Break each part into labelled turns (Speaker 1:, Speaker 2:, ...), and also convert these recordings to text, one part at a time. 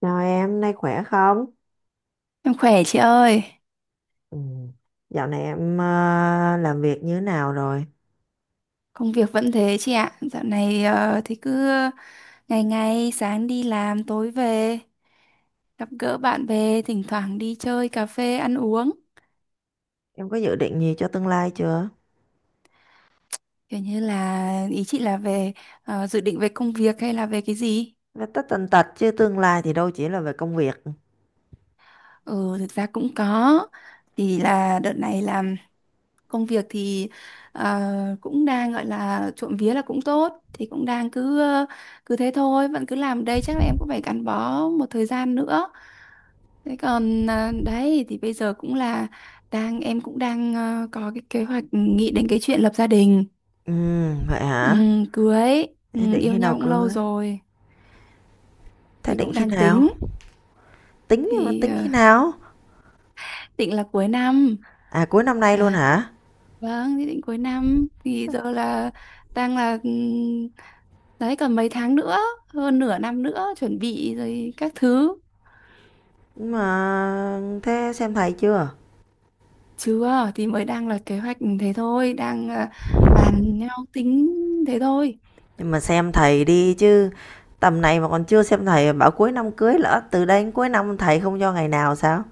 Speaker 1: Chào em, hôm nay khỏe không?
Speaker 2: Em khỏe chị ơi,
Speaker 1: Ừ. Dạo này em làm việc như thế nào rồi?
Speaker 2: công việc vẫn thế chị ạ. Dạo này thì cứ ngày ngày sáng đi làm tối về, gặp gỡ bạn bè, thỉnh thoảng đi chơi cà phê ăn uống.
Speaker 1: Em có dự định gì cho tương lai chưa?
Speaker 2: Kiểu như là ý chị là về dự định về công việc hay là về cái gì?
Speaker 1: Là tất tần tật chứ tương lai thì đâu chỉ là về công việc.
Speaker 2: Ừ, thực ra cũng có. Thì là đợt này làm công việc thì ờ, cũng đang gọi là trộm vía là cũng tốt, thì cũng đang cứ thế thôi, vẫn cứ làm đây chắc là em cũng phải gắn bó một thời gian nữa. Thế còn đấy thì bây giờ cũng là em cũng đang có cái kế hoạch nghĩ đến cái chuyện lập gia đình.
Speaker 1: Ừ, vậy hả?
Speaker 2: Cưới.
Speaker 1: Thế định
Speaker 2: Yêu
Speaker 1: khi
Speaker 2: nhau
Speaker 1: nào
Speaker 2: cũng lâu
Speaker 1: cưới?
Speaker 2: rồi
Speaker 1: Thế
Speaker 2: thì
Speaker 1: định
Speaker 2: cũng
Speaker 1: khi
Speaker 2: đang
Speaker 1: nào?
Speaker 2: tính
Speaker 1: Tính mà
Speaker 2: thì
Speaker 1: tính khi nào?
Speaker 2: định là cuối năm.
Speaker 1: À cuối năm nay luôn
Speaker 2: Đấy.
Speaker 1: hả?
Speaker 2: Vâng, thì định cuối năm thì giờ là đang là đấy còn mấy tháng nữa, hơn nửa năm nữa chuẩn bị rồi các thứ.
Speaker 1: Nhưng mà thế xem thầy chưa?
Speaker 2: Chưa thì mới đang là kế hoạch thế thôi, đang bàn nhau tính thế thôi.
Speaker 1: Nhưng mà xem thầy đi chứ, tầm này mà còn chưa xem thầy, bảo cuối năm cưới, lỡ từ đây đến cuối năm thầy không cho ngày nào sao?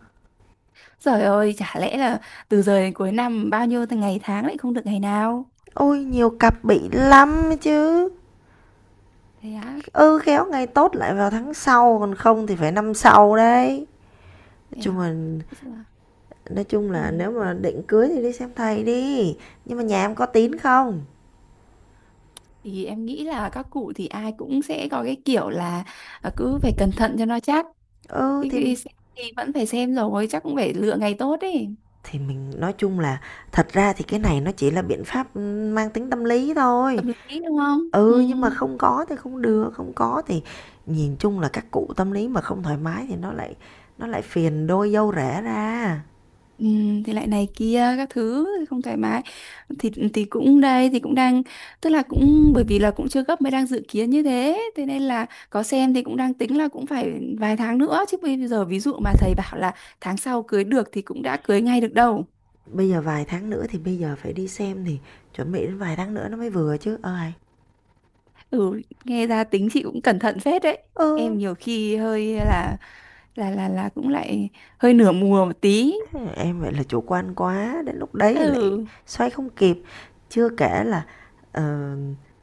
Speaker 2: Trời ơi, chả lẽ là từ giờ đến cuối năm bao nhiêu ngày tháng lại không được ngày nào?
Speaker 1: Ôi nhiều cặp bị lắm chứ.
Speaker 2: Thế á?
Speaker 1: Ừ, khéo ngày tốt lại vào tháng sau, còn không thì phải năm sau đấy. Nói
Speaker 2: Thế
Speaker 1: chung
Speaker 2: à?
Speaker 1: là
Speaker 2: Nói chung là,
Speaker 1: nói chung là
Speaker 2: ừ.
Speaker 1: nếu mà định cưới thì đi xem thầy đi, nhưng mà nhà em có tín không?
Speaker 2: Thì em nghĩ là các cụ thì ai cũng sẽ có cái kiểu là cứ phải cẩn thận cho nó chắc.
Speaker 1: Ừ,
Speaker 2: Cái,
Speaker 1: thì
Speaker 2: cái xem thì vẫn phải xem rồi, chắc cũng phải lựa ngày tốt ấy.
Speaker 1: thì mình nói chung là thật ra thì cái này nó chỉ là biện pháp, ừ, mang tính tâm lý thôi.
Speaker 2: Tâm lý đúng không? Ừ.
Speaker 1: Ừ, nhưng mà không có thì không được, không có thì nhìn chung là các cụ tâm lý mà không thoải mái thì nó lại phiền đôi dâu rẻ ra.
Speaker 2: Ừ, thì lại này kia các thứ không thoải mái thì cũng đây thì cũng đang tức là cũng bởi vì là cũng chưa gấp mới đang dự kiến như thế, thế nên là có xem thì cũng đang tính là cũng phải vài tháng nữa chứ bây giờ ví dụ mà thầy bảo là tháng sau cưới được thì cũng đã cưới ngay được đâu.
Speaker 1: Bây giờ vài tháng nữa thì bây giờ phải đi xem thì chuẩn bị đến vài tháng nữa nó mới vừa chứ. Ờ, Hầy.
Speaker 2: Ừ, nghe ra tính chị cũng cẩn thận phết đấy.
Speaker 1: Ừ,
Speaker 2: Em nhiều khi hơi là cũng lại hơi nửa mùa một tí.
Speaker 1: em vậy là chủ quan quá, đến lúc đấy lại
Speaker 2: Ừ,
Speaker 1: xoay không kịp. Chưa kể là, ờ,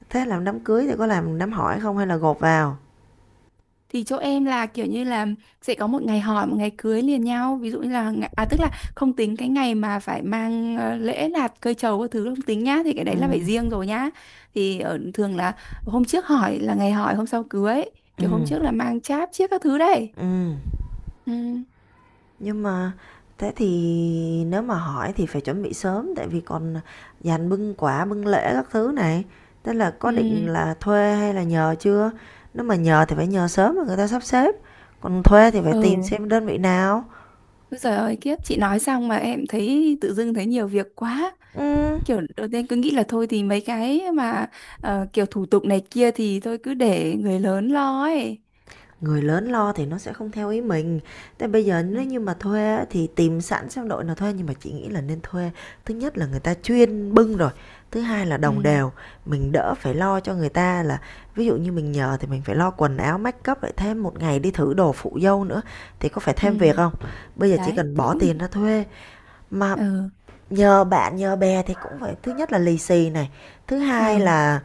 Speaker 1: thế làm đám cưới thì có làm đám hỏi không hay là gộp vào?
Speaker 2: thì chỗ em là kiểu như là sẽ có một ngày hỏi một ngày cưới liền nhau ví dụ như là tức là không tính cái ngày mà phải mang lễ lạt cây trầu các thứ không tính nhá thì cái đấy là phải
Speaker 1: Ừm,
Speaker 2: riêng rồi nhá. Thì ở thường là hôm trước hỏi là ngày hỏi hôm sau cưới, kiểu hôm
Speaker 1: ừm,
Speaker 2: trước là mang cháp chiếc các thứ đấy.
Speaker 1: ừm.
Speaker 2: Ừ.
Speaker 1: Nhưng mà thế thì nếu mà hỏi thì phải chuẩn bị sớm tại vì còn dàn bưng quả, bưng lễ các thứ này. Thế là có định
Speaker 2: Ừ.
Speaker 1: là thuê hay là nhờ chưa? Nếu mà nhờ thì phải nhờ sớm mà người ta sắp xếp. Còn thuê thì phải tìm
Speaker 2: Ừ.
Speaker 1: xem đơn vị nào.
Speaker 2: Ôi giời ơi kiếp, chị nói xong mà em thấy tự dưng thấy nhiều việc quá,
Speaker 1: Ừ.
Speaker 2: kiểu đầu tiên cứ nghĩ là thôi thì mấy cái mà kiểu thủ tục này kia thì thôi cứ để người lớn lo ấy.
Speaker 1: Người lớn lo thì nó sẽ không theo ý mình. Thế bây giờ
Speaker 2: Ừ.
Speaker 1: nếu như mà thuê thì tìm sẵn xem đội nào thuê, nhưng mà chị nghĩ là nên thuê. Thứ nhất là người ta chuyên bưng rồi, thứ hai là đồng
Speaker 2: Ừ.
Speaker 1: đều, mình đỡ phải lo cho người ta. Là ví dụ như mình nhờ thì mình phải lo quần áo, make up, lại thêm một ngày đi thử đồ phụ dâu nữa thì có phải thêm việc
Speaker 2: Ừ,
Speaker 1: không? Bây giờ chỉ
Speaker 2: đấy
Speaker 1: cần
Speaker 2: thôi
Speaker 1: bỏ
Speaker 2: cũng.
Speaker 1: tiền ra thuê mà.
Speaker 2: Ừ.
Speaker 1: Nhờ bạn nhờ bè thì cũng phải, thứ nhất là lì xì này, thứ hai
Speaker 2: Ừ.
Speaker 1: là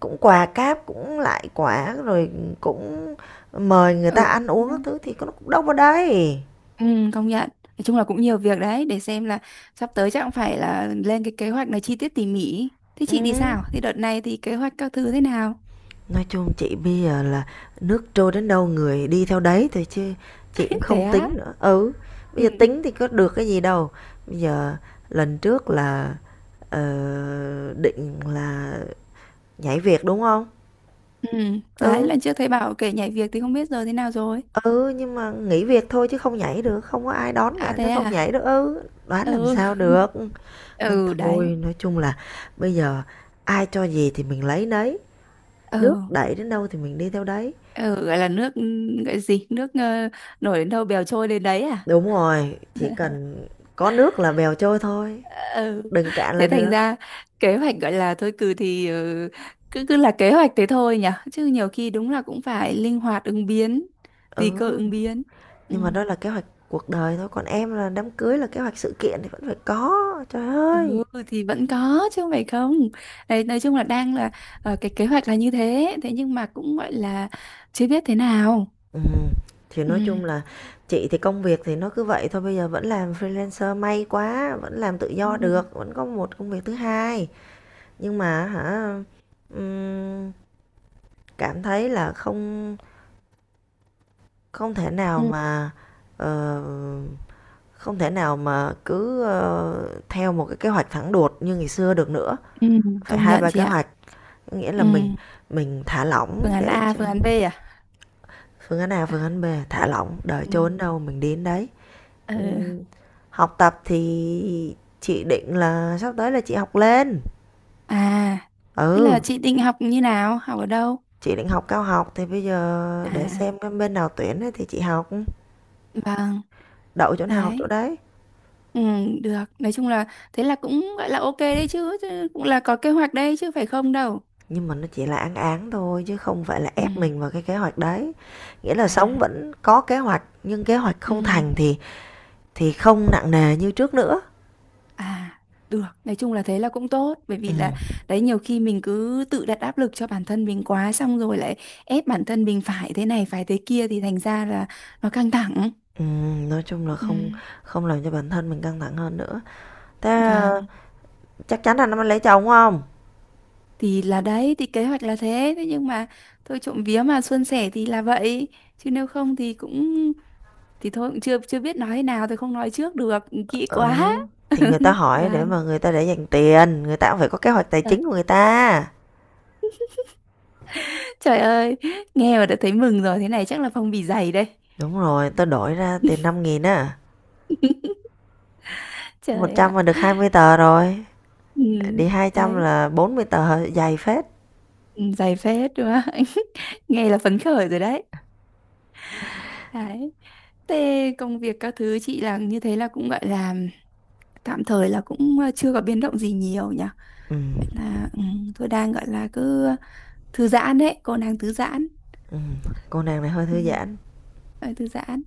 Speaker 1: cũng quà cáp, cũng lại quả, rồi cũng mời người ta
Speaker 2: Ừ.
Speaker 1: ăn uống các thứ thì có nó cũng đâu vào đây.
Speaker 2: Ừ, công nhận, nói chung là cũng nhiều việc đấy để xem là sắp tới chắc cũng phải là lên cái kế hoạch này chi tiết tỉ mỉ. Thế chị thì
Speaker 1: Ừm,
Speaker 2: sao, thì đợt này thì kế hoạch các thứ thế nào?
Speaker 1: nói chung chị bây giờ là nước trôi đến đâu người đi theo đấy thôi, chứ chị cũng
Speaker 2: Thế
Speaker 1: không
Speaker 2: á?
Speaker 1: tính nữa. Ừ, bây
Speaker 2: Ừ.
Speaker 1: giờ tính thì có được cái gì đâu. Bây giờ lần trước là, ờ, định là nhảy việc, đúng không?
Speaker 2: Ừ, đấy
Speaker 1: Ừ,
Speaker 2: lần trước thấy bảo kể nhảy việc thì không biết giờ thế nào rồi.
Speaker 1: Ừ, nhưng mà nghỉ việc thôi chứ không nhảy được, không có ai đón
Speaker 2: À,
Speaker 1: cả, nó
Speaker 2: thế
Speaker 1: không
Speaker 2: à?
Speaker 1: nhảy được. Ừ, đoán làm
Speaker 2: Ừ.
Speaker 1: sao được. Nên
Speaker 2: Ừ,
Speaker 1: thôi,
Speaker 2: đấy.
Speaker 1: nói chung là bây giờ ai cho gì thì mình lấy nấy, nước
Speaker 2: Ừ.
Speaker 1: đẩy đến đâu thì mình đi theo đấy.
Speaker 2: Ừ, gọi là nước, gọi gì nước, nổi đến đâu bèo trôi đến đấy à?
Speaker 1: Đúng rồi, chỉ cần có nước là bèo trôi thôi,
Speaker 2: Ừ,
Speaker 1: đừng cạn là
Speaker 2: thế thành
Speaker 1: được.
Speaker 2: ra kế hoạch gọi là thôi cừ thì cứ cứ là kế hoạch thế thôi nhỉ, chứ nhiều khi đúng là cũng phải linh hoạt ứng biến, tùy cơ
Speaker 1: Ừ,
Speaker 2: ứng biến. Ừ.
Speaker 1: nhưng mà đó là kế hoạch cuộc đời thôi, còn em là đám cưới là kế hoạch sự kiện thì vẫn phải có. Trời
Speaker 2: Ừ,
Speaker 1: ơi.
Speaker 2: thì vẫn có chứ không phải không, đấy nói chung là đang là cái kế hoạch là như thế, thế nhưng mà cũng gọi là chưa biết thế nào.
Speaker 1: Ừm, thì nói
Speaker 2: Ừ.
Speaker 1: chung là chị thì công việc thì nó cứ vậy thôi, bây giờ vẫn làm freelancer may quá, vẫn làm tự
Speaker 2: Ừ.
Speaker 1: do được, vẫn có một công việc thứ hai. Nhưng mà hả, ừm, cảm thấy là không không thể nào
Speaker 2: Ừ.
Speaker 1: mà ờ, không thể nào mà cứ theo một cái kế hoạch thẳng đuột như ngày xưa được nữa.
Speaker 2: Ừ,
Speaker 1: Phải
Speaker 2: công
Speaker 1: hai
Speaker 2: nhận
Speaker 1: ba
Speaker 2: chị
Speaker 1: kế
Speaker 2: ạ.
Speaker 1: hoạch, nghĩa là
Speaker 2: Ừ.
Speaker 1: mình thả
Speaker 2: Phương
Speaker 1: lỏng
Speaker 2: án
Speaker 1: để
Speaker 2: A,
Speaker 1: cho.
Speaker 2: phương án B à?
Speaker 1: Phương án A, phương án B, thả lỏng, đời
Speaker 2: Ừ.
Speaker 1: trốn đâu mình đến đấy.
Speaker 2: Ờ.
Speaker 1: Ừm, Học tập thì chị định là sắp tới là chị học lên.
Speaker 2: À,
Speaker 1: Ừ,
Speaker 2: thế là
Speaker 1: Ừ.
Speaker 2: chị định học như nào? Học ở đâu?
Speaker 1: Chị định học cao học thì bây giờ để
Speaker 2: À,
Speaker 1: xem cái bên nào tuyển ấy thì chị học,
Speaker 2: vâng,
Speaker 1: đậu chỗ nào học chỗ
Speaker 2: đấy.
Speaker 1: đấy.
Speaker 2: Ừ, được. Nói chung là thế là cũng gọi là ok đấy chứ, chứ cũng là có kế hoạch đấy chứ phải không đâu.
Speaker 1: Nhưng mà nó chỉ là án án thôi chứ không phải là
Speaker 2: Ừ,
Speaker 1: ép mình vào cái kế hoạch đấy. Nghĩa là sống
Speaker 2: à,
Speaker 1: vẫn có kế hoạch nhưng kế hoạch không
Speaker 2: ừ,
Speaker 1: thành thì không nặng nề như trước nữa.
Speaker 2: à, được. Nói chung là thế là cũng tốt bởi vì
Speaker 1: Ừ.
Speaker 2: là đấy nhiều khi mình cứ tự đặt áp lực cho bản thân mình quá xong rồi lại ép bản thân mình phải thế này phải thế kia thì thành ra là nó căng thẳng.
Speaker 1: Ừ, nói chung là
Speaker 2: Ừ.
Speaker 1: không không làm cho bản thân mình căng thẳng hơn nữa. Thế
Speaker 2: Vâng,
Speaker 1: chắc chắn anh nó mới lấy chồng không?
Speaker 2: thì là đấy thì kế hoạch là thế, thế nhưng mà thôi trộm vía mà suôn sẻ thì là vậy, chứ nếu không thì cũng thì thôi cũng chưa chưa biết nói thế nào thì không nói trước được kỹ
Speaker 1: Ừ,
Speaker 2: quá.
Speaker 1: thì người ta hỏi để
Speaker 2: Vâng.
Speaker 1: mà người ta để dành tiền, người ta cũng phải có kế hoạch tài
Speaker 2: Ờ,
Speaker 1: chính của người ta.
Speaker 2: trời ơi, nghe mà đã thấy mừng rồi, thế này chắc là phong bì dày đây.
Speaker 1: Đúng rồi, tôi đổi ra tiền 5.000 á. một
Speaker 2: Trời ạ.
Speaker 1: trăm mà được 20 tờ rồi.
Speaker 2: Ừ,
Speaker 1: Đi 200
Speaker 2: đấy.
Speaker 1: là 40 tờ, dày phết.
Speaker 2: Ừ, dày phết đúng không? Nghe là phấn khởi rồi đấy. Đấy, thế công việc các thứ chị là như thế là cũng gọi là tạm thời là cũng chưa có biến động gì nhiều nhỉ.
Speaker 1: Ừ.
Speaker 2: Vậy là tôi đang gọi là cứ thư giãn đấy, cô đang thư giãn.
Speaker 1: Ừ, cô nàng này hơi
Speaker 2: ừ,
Speaker 1: thư giãn.
Speaker 2: ờ, Thư giãn.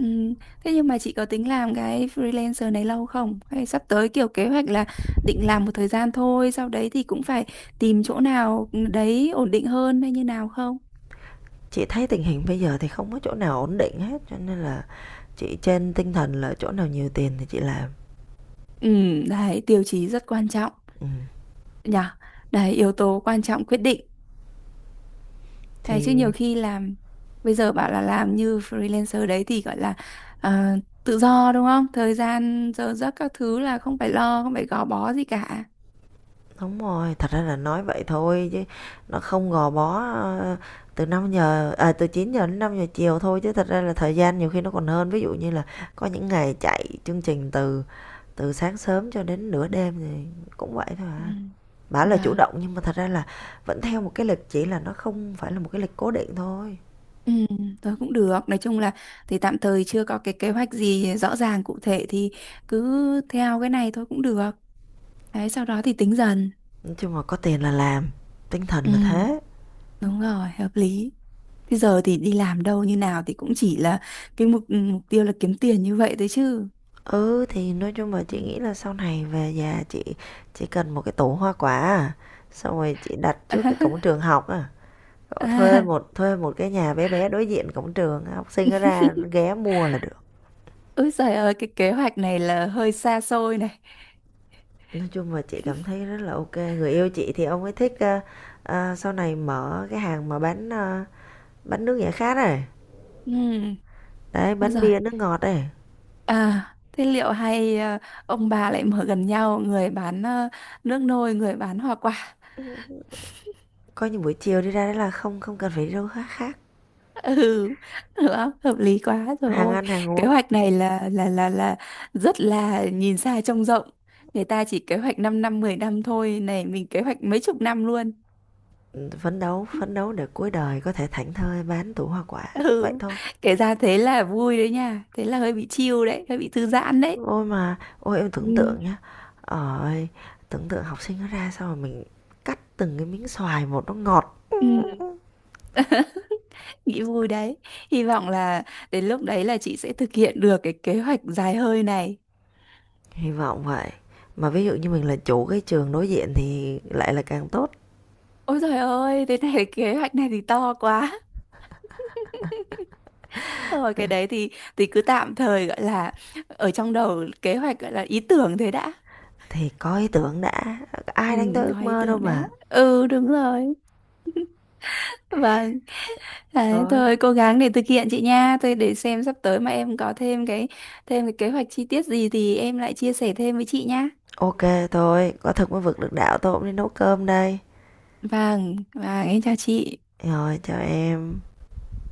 Speaker 2: Ừ. Thế nhưng mà chị có tính làm cái freelancer này lâu không? Hay sắp tới kiểu kế hoạch là định làm một thời gian thôi, sau đấy thì cũng phải tìm chỗ nào đấy ổn định hơn hay như nào không?
Speaker 1: Chị thấy tình hình bây giờ thì không có chỗ nào ổn định hết, cho nên là chị trên tinh thần là chỗ nào nhiều tiền thì chị làm.
Speaker 2: Ừ, đấy, tiêu chí rất quan trọng
Speaker 1: Ừ.
Speaker 2: nhỉ. Đấy, yếu tố quan trọng quyết định. Đấy, chứ nhiều
Speaker 1: Thì
Speaker 2: khi làm bây giờ bảo là làm như freelancer đấy thì gọi là ờ, tự do đúng không? Thời gian giờ giấc các thứ là không phải lo, không phải gò bó gì cả.
Speaker 1: đúng rồi, thật ra là nói vậy thôi chứ nó không gò bó, từ 5 giờ à, từ 9 giờ đến 5 giờ chiều thôi, chứ thật ra là thời gian nhiều khi nó còn hơn. Ví dụ như là có những ngày chạy chương trình từ từ sáng sớm cho đến nửa đêm thì cũng vậy thôi
Speaker 2: Ừ.
Speaker 1: à. Bảo là chủ
Speaker 2: Vâng.
Speaker 1: động nhưng mà thật ra là vẫn theo một cái lịch, chỉ là nó không phải là một cái lịch cố định thôi.
Speaker 2: Ừ, thôi cũng được. Nói chung là thì tạm thời chưa có cái kế hoạch gì rõ ràng cụ thể thì cứ theo cái này thôi cũng được. Đấy, sau đó thì tính dần.
Speaker 1: Nói chung là có tiền là làm, tinh thần
Speaker 2: Ừ,
Speaker 1: là thế.
Speaker 2: đúng rồi, hợp lý. Thế giờ thì đi làm đâu như nào thì cũng chỉ là cái mục tiêu là kiếm tiền như vậy thôi chứ.
Speaker 1: Ừ, thì nói chung là
Speaker 2: Ừ.
Speaker 1: chị nghĩ là sau này về nhà chị chỉ cần một cái tủ hoa quả à, xong rồi chị đặt trước cái cổng trường học à.
Speaker 2: À,
Speaker 1: Cậu thuê
Speaker 2: à.
Speaker 1: một thuê một cái nhà bé bé đối diện cổng trường, học sinh nó ra ghé mua là được.
Speaker 2: Ôi trời ơi, cái kế hoạch này là hơi xa xôi này.
Speaker 1: Nói chung là chị cảm thấy rất là ok. Người yêu chị thì ông ấy thích sau này mở cái hàng mà bán bánh nước giải khát này.
Speaker 2: Ừ,
Speaker 1: Đấy,
Speaker 2: ôi
Speaker 1: bánh
Speaker 2: giời.
Speaker 1: bia nước ngọt này.
Speaker 2: À, thế liệu hay ông bà lại mở gần nhau, người bán nước nôi, người bán hoa quả.
Speaker 1: Coi như buổi chiều đi ra đấy là không không cần phải đi đâu khác khác.
Speaker 2: Ừ, được không? Hợp lý quá rồi
Speaker 1: Hàng
Speaker 2: ôi.
Speaker 1: ăn hàng
Speaker 2: Kế
Speaker 1: uống
Speaker 2: hoạch này là rất là nhìn xa trông rộng. Người ta chỉ kế hoạch 5 năm, 10 năm thôi, này mình kế hoạch mấy chục năm luôn.
Speaker 1: phấn đấu để cuối đời có thể thảnh thơi bán tủ hoa quả vậy
Speaker 2: Ừ,
Speaker 1: thôi.
Speaker 2: kể ra thế là vui đấy nha, thế là hơi bị chill đấy, hơi bị thư giãn đấy.
Speaker 1: Ôi mà ôi em tưởng
Speaker 2: Ừ.
Speaker 1: tượng nhá. Ơi, tưởng tượng học sinh nó ra sao mà mình cắt từng cái miếng xoài một, nó ngọt.
Speaker 2: Ừ. Nghĩ vui đấy. Hy vọng là đến lúc đấy là chị sẽ thực hiện được cái kế hoạch dài hơi này.
Speaker 1: Hy vọng vậy. Mà ví dụ như mình là chủ cái trường đối diện thì lại là càng tốt.
Speaker 2: Ôi trời ơi, thế này cái kế hoạch này thì to quá. Thôi cái đấy thì cứ tạm thời gọi là ở trong đầu kế hoạch gọi là ý tưởng thế đã.
Speaker 1: Thì có ý tưởng đã,
Speaker 2: Ừ,
Speaker 1: ai đánh tới ước
Speaker 2: gọi ý
Speaker 1: mơ
Speaker 2: tưởng
Speaker 1: đâu
Speaker 2: đã.
Speaker 1: mà.
Speaker 2: Ừ, đúng rồi. Vâng, đấy,
Speaker 1: Thôi,
Speaker 2: thôi cố gắng để thực hiện chị nha. Tôi để xem sắp tới mà em có thêm cái kế hoạch chi tiết gì thì em lại chia sẻ thêm với chị nha.
Speaker 1: ok. Thôi, có thực mới vực được đạo, tôi cũng đi nấu cơm đây.
Speaker 2: Vâng, vâng, em chào chị.
Speaker 1: Rồi, chào em.